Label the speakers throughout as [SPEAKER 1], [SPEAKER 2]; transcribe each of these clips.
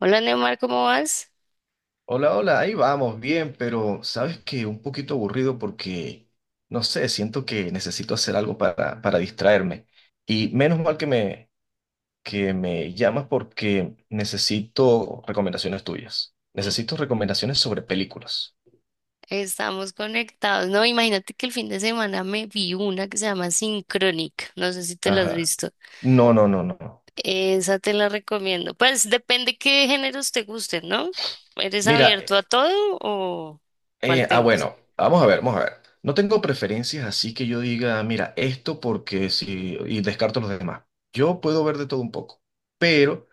[SPEAKER 1] Hola Neymar, ¿cómo vas?
[SPEAKER 2] Hola, hola, ahí vamos, bien, pero sabes que un poquito aburrido porque, no sé, siento que necesito hacer algo para distraerme. Y menos mal que que me llamas porque necesito recomendaciones tuyas.
[SPEAKER 1] Mm,
[SPEAKER 2] Necesito recomendaciones sobre películas.
[SPEAKER 1] estamos conectados. No, imagínate que el fin de semana me vi una que se llama Synchronic. No sé si te la has
[SPEAKER 2] Ajá.
[SPEAKER 1] visto.
[SPEAKER 2] No, no, no, no.
[SPEAKER 1] Esa te la recomiendo. Pues depende qué géneros te gusten, ¿no? ¿Eres
[SPEAKER 2] Mira,
[SPEAKER 1] abierto a todo o cuál te gusta?
[SPEAKER 2] bueno, vamos a ver, vamos a ver. No tengo preferencias, así que yo diga, mira, esto porque sí, y descarto los demás. Yo puedo ver de todo un poco, pero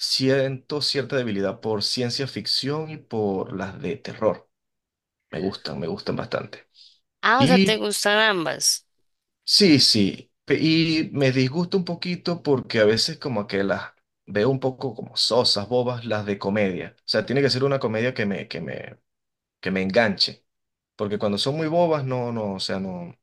[SPEAKER 2] siento cierta debilidad por ciencia ficción y por las de terror. Me gustan bastante.
[SPEAKER 1] Ah, o sea, te
[SPEAKER 2] Y
[SPEAKER 1] gustan ambas.
[SPEAKER 2] sí, sí. Y me disgusta un poquito porque a veces como que las veo un poco como sosas, bobas, las de comedia. O sea, tiene que ser una comedia que me enganche. Porque cuando son muy bobas, no, no, o sea, no,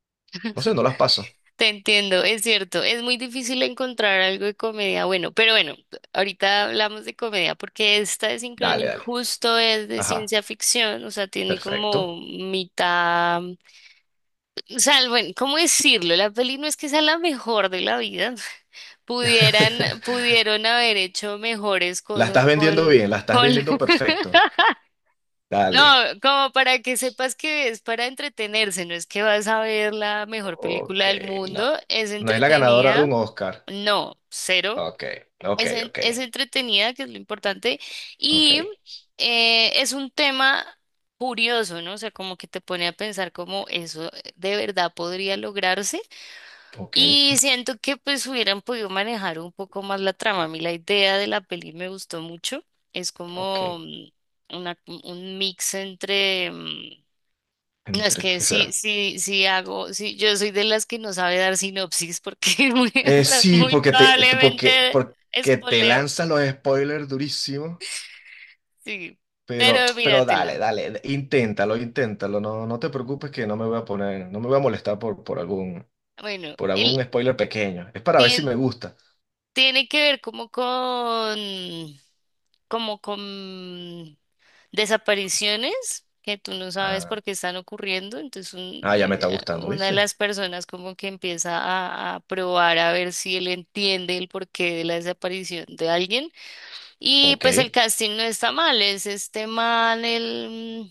[SPEAKER 2] no sé, no las paso.
[SPEAKER 1] Te entiendo, es cierto, es muy difícil encontrar algo de comedia bueno, pero bueno, ahorita hablamos de comedia porque esta de
[SPEAKER 2] Dale,
[SPEAKER 1] Synchronic
[SPEAKER 2] dale.
[SPEAKER 1] justo es de
[SPEAKER 2] Ajá,
[SPEAKER 1] ciencia ficción, o sea, tiene como
[SPEAKER 2] perfecto.
[SPEAKER 1] mitad, o sea, bueno, ¿cómo decirlo? La peli no es que sea la mejor de la vida, pudieron haber hecho mejores
[SPEAKER 2] La
[SPEAKER 1] cosas
[SPEAKER 2] estás vendiendo
[SPEAKER 1] con,
[SPEAKER 2] bien, la estás
[SPEAKER 1] con,
[SPEAKER 2] vendiendo perfecto.
[SPEAKER 1] no,
[SPEAKER 2] Dale.
[SPEAKER 1] como para que sepas que es para entretenerse, no es que vas a ver la mejor película
[SPEAKER 2] Ok,
[SPEAKER 1] del
[SPEAKER 2] no.
[SPEAKER 1] mundo, es
[SPEAKER 2] No es la ganadora de
[SPEAKER 1] entretenida,
[SPEAKER 2] un Oscar.
[SPEAKER 1] no, cero,
[SPEAKER 2] Ok, ok, ok,
[SPEAKER 1] es entretenida, que es lo importante,
[SPEAKER 2] ok,
[SPEAKER 1] y es un tema curioso, ¿no? O sea, como que te pone a pensar cómo eso de verdad podría lograrse.
[SPEAKER 2] ok,
[SPEAKER 1] Y siento que pues hubieran podido manejar un poco más la trama. A mí la idea de la peli me gustó mucho. Es como
[SPEAKER 2] ok.
[SPEAKER 1] una, un mix entre... no, es
[SPEAKER 2] ¿Entre
[SPEAKER 1] que
[SPEAKER 2] qué será?
[SPEAKER 1] yo soy de las que no sabe dar sinopsis porque
[SPEAKER 2] Sí,
[SPEAKER 1] muy
[SPEAKER 2] porque porque,
[SPEAKER 1] probablemente
[SPEAKER 2] porque te
[SPEAKER 1] espoleo,
[SPEAKER 2] lanzan los spoilers durísimos,
[SPEAKER 1] sí, pero
[SPEAKER 2] pero dale,
[SPEAKER 1] míratela.
[SPEAKER 2] dale, inténtalo, inténtalo. No, no te preocupes que no me voy a poner, no me voy a molestar por, por algún,
[SPEAKER 1] Bueno,
[SPEAKER 2] por algún spoiler pequeño. Es para ver si me
[SPEAKER 1] el,
[SPEAKER 2] gusta.
[SPEAKER 1] tiene que ver como con desapariciones que tú no sabes
[SPEAKER 2] Ah,
[SPEAKER 1] por qué están ocurriendo. Entonces
[SPEAKER 2] ya me está gustando,
[SPEAKER 1] una de
[SPEAKER 2] ¿viste?
[SPEAKER 1] las personas como que empieza a probar a ver si él entiende el porqué de la desaparición de alguien. Y
[SPEAKER 2] Ok,
[SPEAKER 1] pues el casting no está mal, es este man,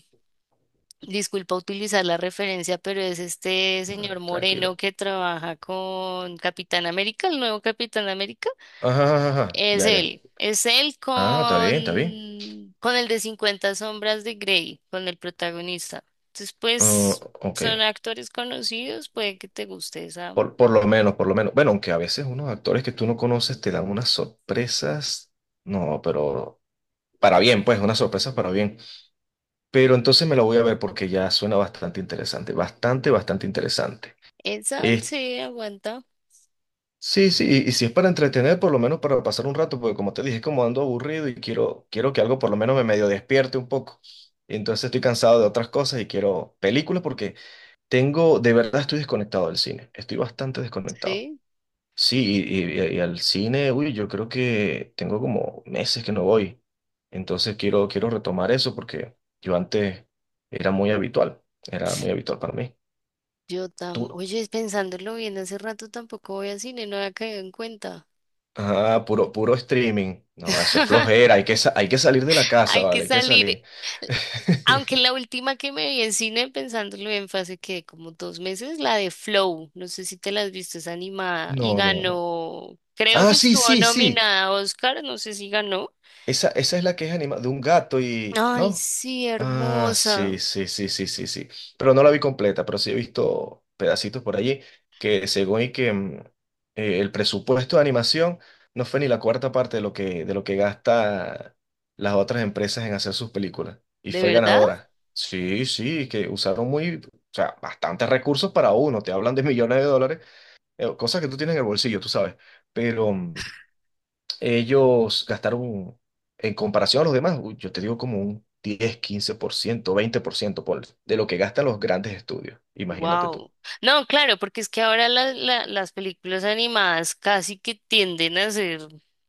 [SPEAKER 1] disculpa utilizar la referencia, pero es este
[SPEAKER 2] no,
[SPEAKER 1] señor Moreno
[SPEAKER 2] tranquilo.
[SPEAKER 1] que trabaja con Capitán América, el nuevo Capitán América.
[SPEAKER 2] Ajá, ajá, ajá, ya, ya.
[SPEAKER 1] Es él
[SPEAKER 2] Ah, está bien, está bien.
[SPEAKER 1] con el de cincuenta sombras de Grey, con el protagonista. Entonces,
[SPEAKER 2] Ah,
[SPEAKER 1] pues,
[SPEAKER 2] ok,
[SPEAKER 1] son actores conocidos, puede que te guste esa.
[SPEAKER 2] por lo menos, por lo menos. Bueno, aunque a veces unos actores que tú no conoces te dan unas sorpresas, no, pero para bien, pues, unas sorpresas para bien. Pero entonces me la voy a ver porque ya suena bastante interesante, bastante, bastante interesante.
[SPEAKER 1] Esa,
[SPEAKER 2] Eh,
[SPEAKER 1] sí, aguanta,
[SPEAKER 2] sí, sí, y si es para entretener, por lo menos para pasar un rato, porque como te dije, como ando aburrido y quiero, quiero que algo por lo menos me medio despierte un poco. Y entonces estoy cansado de otras cosas y quiero películas porque tengo, de verdad estoy desconectado del cine, estoy bastante desconectado.
[SPEAKER 1] sí.
[SPEAKER 2] Sí, y al cine, uy, yo creo que tengo como meses que no voy. Entonces quiero, quiero retomar eso porque yo antes era muy habitual, era muy habitual para mí. Tú,
[SPEAKER 1] Oye, pensándolo bien, hace rato tampoco voy a cine, no había caído en cuenta.
[SPEAKER 2] ah, puro, puro streaming. No, eso es flojera, hay que salir de la casa,
[SPEAKER 1] Hay que
[SPEAKER 2] ¿vale? Hay que
[SPEAKER 1] salir.
[SPEAKER 2] salir.
[SPEAKER 1] Aunque la última que me vi en cine, pensándolo bien, fue hace que como 2 meses, la de Flow. No sé si te la has visto, es animada y
[SPEAKER 2] No, no, no.
[SPEAKER 1] ganó. Creo
[SPEAKER 2] Ah,
[SPEAKER 1] que
[SPEAKER 2] sí,
[SPEAKER 1] estuvo
[SPEAKER 2] sí, sí.
[SPEAKER 1] nominada a Oscar, no sé si ganó.
[SPEAKER 2] Esa es la que es animada, de un gato y
[SPEAKER 1] Ay,
[SPEAKER 2] ¿no?
[SPEAKER 1] sí,
[SPEAKER 2] Ah,
[SPEAKER 1] hermosa.
[SPEAKER 2] sí, sí, sí, sí, sí, sí. Pero no la vi completa, pero sí he visto pedacitos por allí que según y que el presupuesto de animación no fue ni la cuarta parte de lo que gasta las otras empresas en hacer sus películas. Y
[SPEAKER 1] ¿De
[SPEAKER 2] fue
[SPEAKER 1] verdad?
[SPEAKER 2] ganadora. Sí, sí, que usaron muy, o sea, bastantes recursos para uno. Te hablan de millones de dólares, cosas que tú tienes en el bolsillo, tú sabes. Pero ellos gastaron, en comparación a los demás, uy, yo te digo como un 10, 15%, 20% por, ciento por, de lo que gastan los grandes estudios. Imagínate tú.
[SPEAKER 1] Wow. No, claro, porque es que ahora las películas animadas casi que tienden a ser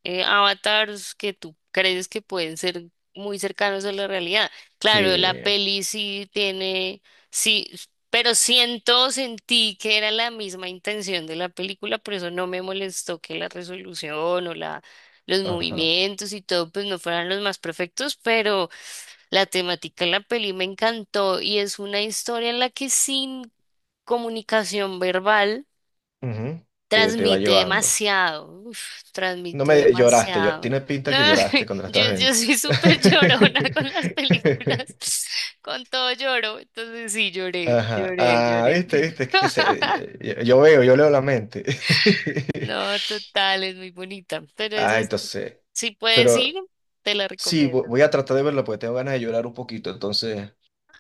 [SPEAKER 1] avatars que tú crees que pueden ser muy cercanos a la realidad.
[SPEAKER 2] Sí,
[SPEAKER 1] Claro, la peli sí tiene, sí, pero sentí que era la misma intención de la película, por eso no me molestó que la resolución o la, los
[SPEAKER 2] ajá.
[SPEAKER 1] movimientos y todo, pues no fueran los más perfectos, pero la temática de la peli me encantó y es una historia en la que sí comunicación verbal
[SPEAKER 2] Ujú, te va
[SPEAKER 1] transmite
[SPEAKER 2] llevando.
[SPEAKER 1] demasiado, uf,
[SPEAKER 2] No
[SPEAKER 1] transmitió
[SPEAKER 2] me lloraste,
[SPEAKER 1] demasiado.
[SPEAKER 2] tiene
[SPEAKER 1] No,
[SPEAKER 2] pinta que lloraste cuando la estabas
[SPEAKER 1] yo
[SPEAKER 2] viendo.
[SPEAKER 1] soy súper llorona con las películas, con todo lloro, entonces sí, lloré,
[SPEAKER 2] Ajá.
[SPEAKER 1] lloré,
[SPEAKER 2] Ah,
[SPEAKER 1] lloré.
[SPEAKER 2] viste, viste, es que yo, yo veo, yo leo la mente.
[SPEAKER 1] No, total, es muy bonita, pero esa
[SPEAKER 2] Ah,
[SPEAKER 1] es-
[SPEAKER 2] entonces,
[SPEAKER 1] si puedes ir,
[SPEAKER 2] pero
[SPEAKER 1] te la
[SPEAKER 2] sí,
[SPEAKER 1] recomiendo.
[SPEAKER 2] voy a tratar de verla porque tengo ganas de llorar un poquito, entonces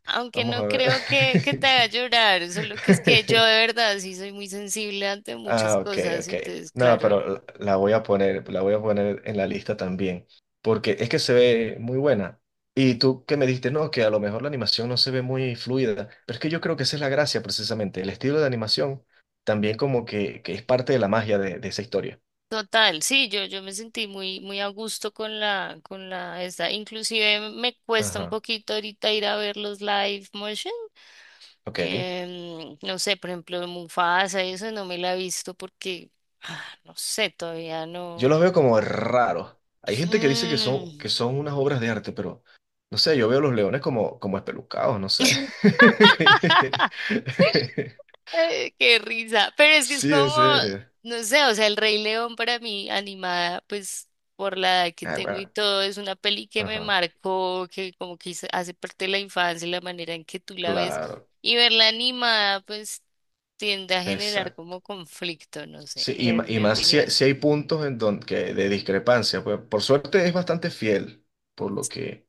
[SPEAKER 1] Aunque
[SPEAKER 2] vamos a
[SPEAKER 1] no
[SPEAKER 2] ver.
[SPEAKER 1] creo que te haga llorar, solo que es que yo de verdad sí soy muy sensible ante muchas
[SPEAKER 2] Ah, ok,
[SPEAKER 1] cosas,
[SPEAKER 2] ok.
[SPEAKER 1] entonces
[SPEAKER 2] No,
[SPEAKER 1] claro.
[SPEAKER 2] pero la voy a poner, la voy a poner en la lista también, porque es que se ve muy buena. Y tú que me dijiste, no, que a lo mejor la animación no se ve muy fluida, pero es que yo creo que esa es la gracia precisamente, el estilo de animación también como que es parte de la magia de esa historia.
[SPEAKER 1] Total, sí, yo me sentí muy a gusto inclusive me cuesta un
[SPEAKER 2] Ajá,
[SPEAKER 1] poquito ahorita ir a ver los live motion,
[SPEAKER 2] ok.
[SPEAKER 1] no sé, por ejemplo, Mufasa, eso no me la he visto porque, ah, no sé, todavía
[SPEAKER 2] Yo
[SPEAKER 1] no.
[SPEAKER 2] los veo como raros. Hay gente que dice
[SPEAKER 1] Mm.
[SPEAKER 2] que son unas obras de arte, pero no sé, yo veo los leones como, como espelucados, no sé.
[SPEAKER 1] Ay, qué risa. Pero es que es
[SPEAKER 2] Sí,
[SPEAKER 1] como,
[SPEAKER 2] en serio.
[SPEAKER 1] no sé, o sea, El Rey León para mí, animada, pues por la edad que
[SPEAKER 2] Ah,
[SPEAKER 1] tengo y
[SPEAKER 2] bueno.
[SPEAKER 1] todo, es una peli que me
[SPEAKER 2] Ajá.
[SPEAKER 1] marcó, que como que hizo- hace parte de la infancia y la manera en que tú la ves.
[SPEAKER 2] Claro,
[SPEAKER 1] Y verla animada, pues tiende a generar
[SPEAKER 2] exacto.
[SPEAKER 1] como conflicto, no sé,
[SPEAKER 2] Sí, y,
[SPEAKER 1] en
[SPEAKER 2] y
[SPEAKER 1] mi
[SPEAKER 2] más si,
[SPEAKER 1] opinión.
[SPEAKER 2] si hay puntos en donde que de discrepancia, pues por suerte es bastante fiel por lo que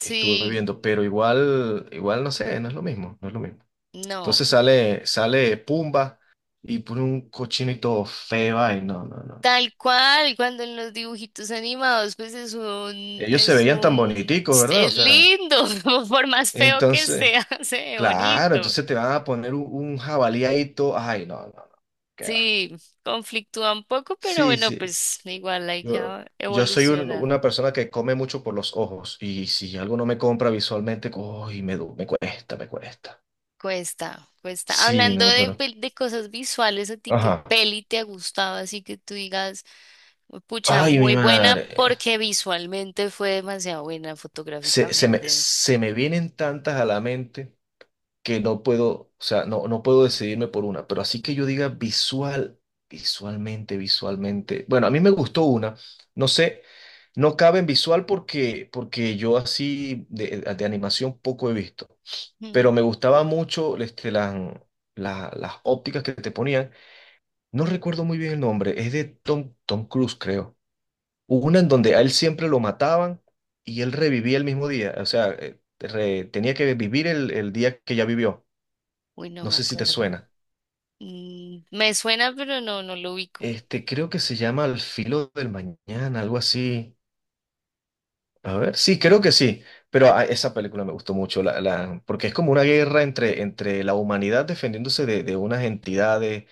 [SPEAKER 2] estuve viendo, pero igual, igual no sé, no es lo mismo, no es lo mismo.
[SPEAKER 1] no.
[SPEAKER 2] Entonces sale Pumba y pone un cochino y todo feo. Ay, no, no, no.
[SPEAKER 1] Tal cual, cuando en los dibujitos animados, pues
[SPEAKER 2] Ellos se
[SPEAKER 1] es
[SPEAKER 2] veían tan
[SPEAKER 1] un,
[SPEAKER 2] boniticos, ¿verdad? O
[SPEAKER 1] es
[SPEAKER 2] sea,
[SPEAKER 1] lindo, por más feo que
[SPEAKER 2] entonces,
[SPEAKER 1] sea, se ve
[SPEAKER 2] claro,
[SPEAKER 1] bonito.
[SPEAKER 2] entonces te van a poner un jabalí ahí todo. Ay, no, no, no. ¿Qué va?
[SPEAKER 1] Sí, conflictúa un poco, pero
[SPEAKER 2] Sí,
[SPEAKER 1] bueno,
[SPEAKER 2] sí.
[SPEAKER 1] pues igual hay que
[SPEAKER 2] Yo,
[SPEAKER 1] a-
[SPEAKER 2] yo soy
[SPEAKER 1] evolucionar.
[SPEAKER 2] una persona que come mucho por los ojos y si algo no me compra visualmente, uy, me, me cuesta, me cuesta.
[SPEAKER 1] Cuesta, cuesta.
[SPEAKER 2] Sí,
[SPEAKER 1] Hablando
[SPEAKER 2] no,
[SPEAKER 1] de,
[SPEAKER 2] pero
[SPEAKER 1] pel- de cosas visuales, ¿a ti qué
[SPEAKER 2] ajá.
[SPEAKER 1] peli te ha gustado? Así que tú digas, pucha,
[SPEAKER 2] Ay, mi
[SPEAKER 1] muy buena
[SPEAKER 2] madre.
[SPEAKER 1] porque visualmente fue demasiado buena
[SPEAKER 2] Se, se me,
[SPEAKER 1] fotográficamente.
[SPEAKER 2] se me vienen tantas a la mente que no puedo, o sea, no, no puedo decidirme por una, pero así que yo diga visual, visualmente, visualmente. Bueno, a mí me gustó una, no sé, no cabe en visual porque, porque yo así de animación poco he visto, pero
[SPEAKER 1] Mm,
[SPEAKER 2] me gustaba mucho este, las ópticas que te ponían. No recuerdo muy bien el nombre, es de Tom Cruise, creo. Hubo una en donde a él siempre lo mataban y él revivía el mismo día, o sea, tenía que vivir el día que ya vivió.
[SPEAKER 1] uy, no
[SPEAKER 2] No
[SPEAKER 1] me
[SPEAKER 2] sé si te
[SPEAKER 1] acuerdo.
[SPEAKER 2] suena.
[SPEAKER 1] Mm, me suena, pero no, no lo ubico.
[SPEAKER 2] Este, creo que se llama Al filo del mañana, algo así. A ver, sí, creo que sí. Pero esa película me gustó mucho, la, porque es como una guerra entre la humanidad defendiéndose de unas entidades.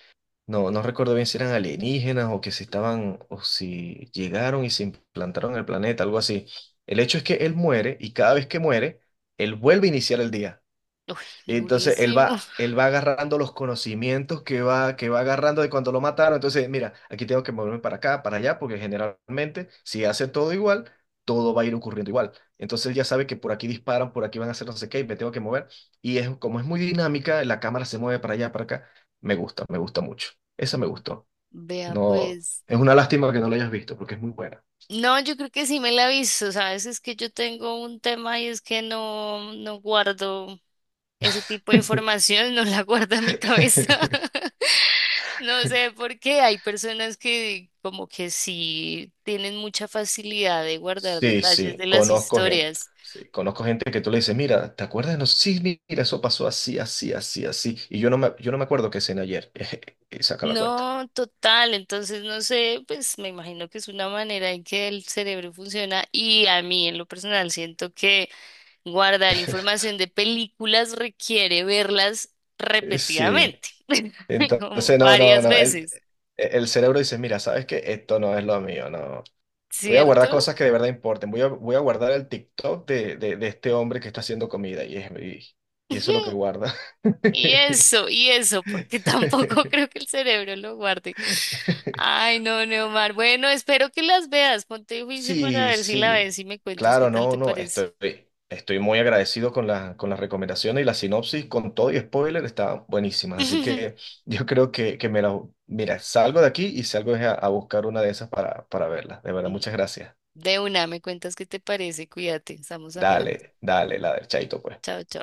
[SPEAKER 2] No, no recuerdo bien si eran alienígenas o que si estaban, o si llegaron y se implantaron en el planeta, algo así. El hecho es que él muere y cada vez que muere, él vuelve a iniciar el día.
[SPEAKER 1] Uy,
[SPEAKER 2] Y entonces él
[SPEAKER 1] durísimo.
[SPEAKER 2] va, él va agarrando los conocimientos que va agarrando de cuando lo mataron. Entonces, mira, aquí tengo que moverme para acá, para allá, porque generalmente si hace todo igual, todo va a ir ocurriendo igual. Entonces él ya sabe que por aquí disparan, por aquí van a hacer no sé qué, y me tengo que mover. Y es, como es muy dinámica, la cámara se mueve para allá, para acá. Me gusta mucho. Esa me
[SPEAKER 1] Mm,
[SPEAKER 2] gustó.
[SPEAKER 1] vea,
[SPEAKER 2] No,
[SPEAKER 1] pues.
[SPEAKER 2] es una lástima que no la hayas visto, porque es muy buena.
[SPEAKER 1] No, yo creo que sí me la aviso, ¿sabes? Es que yo tengo un tema y es que no, no guardo ese tipo de información, no la guardo en mi cabeza. No sé por qué hay personas que como que sí tienen mucha facilidad de guardar
[SPEAKER 2] Sí,
[SPEAKER 1] detalles
[SPEAKER 2] sí,
[SPEAKER 1] de las
[SPEAKER 2] conozco gente.
[SPEAKER 1] historias.
[SPEAKER 2] Sí, conozco gente que tú le dices, mira, ¿te acuerdas? No, sí, mira, eso pasó así, así, así, así. Y yo no me acuerdo qué cené ayer. Y saca la cuenta.
[SPEAKER 1] No, total. Entonces, no sé, pues me imagino que es una manera en que el cerebro funciona y a mí en lo personal siento que guardar información de películas requiere verlas
[SPEAKER 2] Sí.
[SPEAKER 1] repetidamente, como
[SPEAKER 2] Entonces, no, no,
[SPEAKER 1] varias
[SPEAKER 2] no.
[SPEAKER 1] veces,
[SPEAKER 2] El cerebro dice, mira, ¿sabes qué? Esto no es lo mío, no. Voy a guardar
[SPEAKER 1] ¿cierto?
[SPEAKER 2] cosas que de verdad importen. Voy a guardar el TikTok de este hombre que está haciendo comida. Y eso es lo que
[SPEAKER 1] Ujú.
[SPEAKER 2] guarda.
[SPEAKER 1] Y eso, porque tampoco creo que el cerebro lo guarde. Ay, no, Neomar. Bueno, espero que las veas. Ponte juicio para
[SPEAKER 2] Sí,
[SPEAKER 1] ver si la
[SPEAKER 2] sí,
[SPEAKER 1] ves y me cuentas qué
[SPEAKER 2] claro,
[SPEAKER 1] tal
[SPEAKER 2] no,
[SPEAKER 1] te
[SPEAKER 2] no,
[SPEAKER 1] parece.
[SPEAKER 2] estoy muy agradecido con la, con las recomendaciones y la sinopsis, con todo y spoiler, está buenísima, así que yo creo que me la, mira, salgo de aquí y salgo es a buscar una de esas para verla, de verdad, muchas gracias.
[SPEAKER 1] De una, me cuentas qué te parece, cuídate, estamos hablando.
[SPEAKER 2] Dale, dale, la del chaito, pues.
[SPEAKER 1] Chao, chao.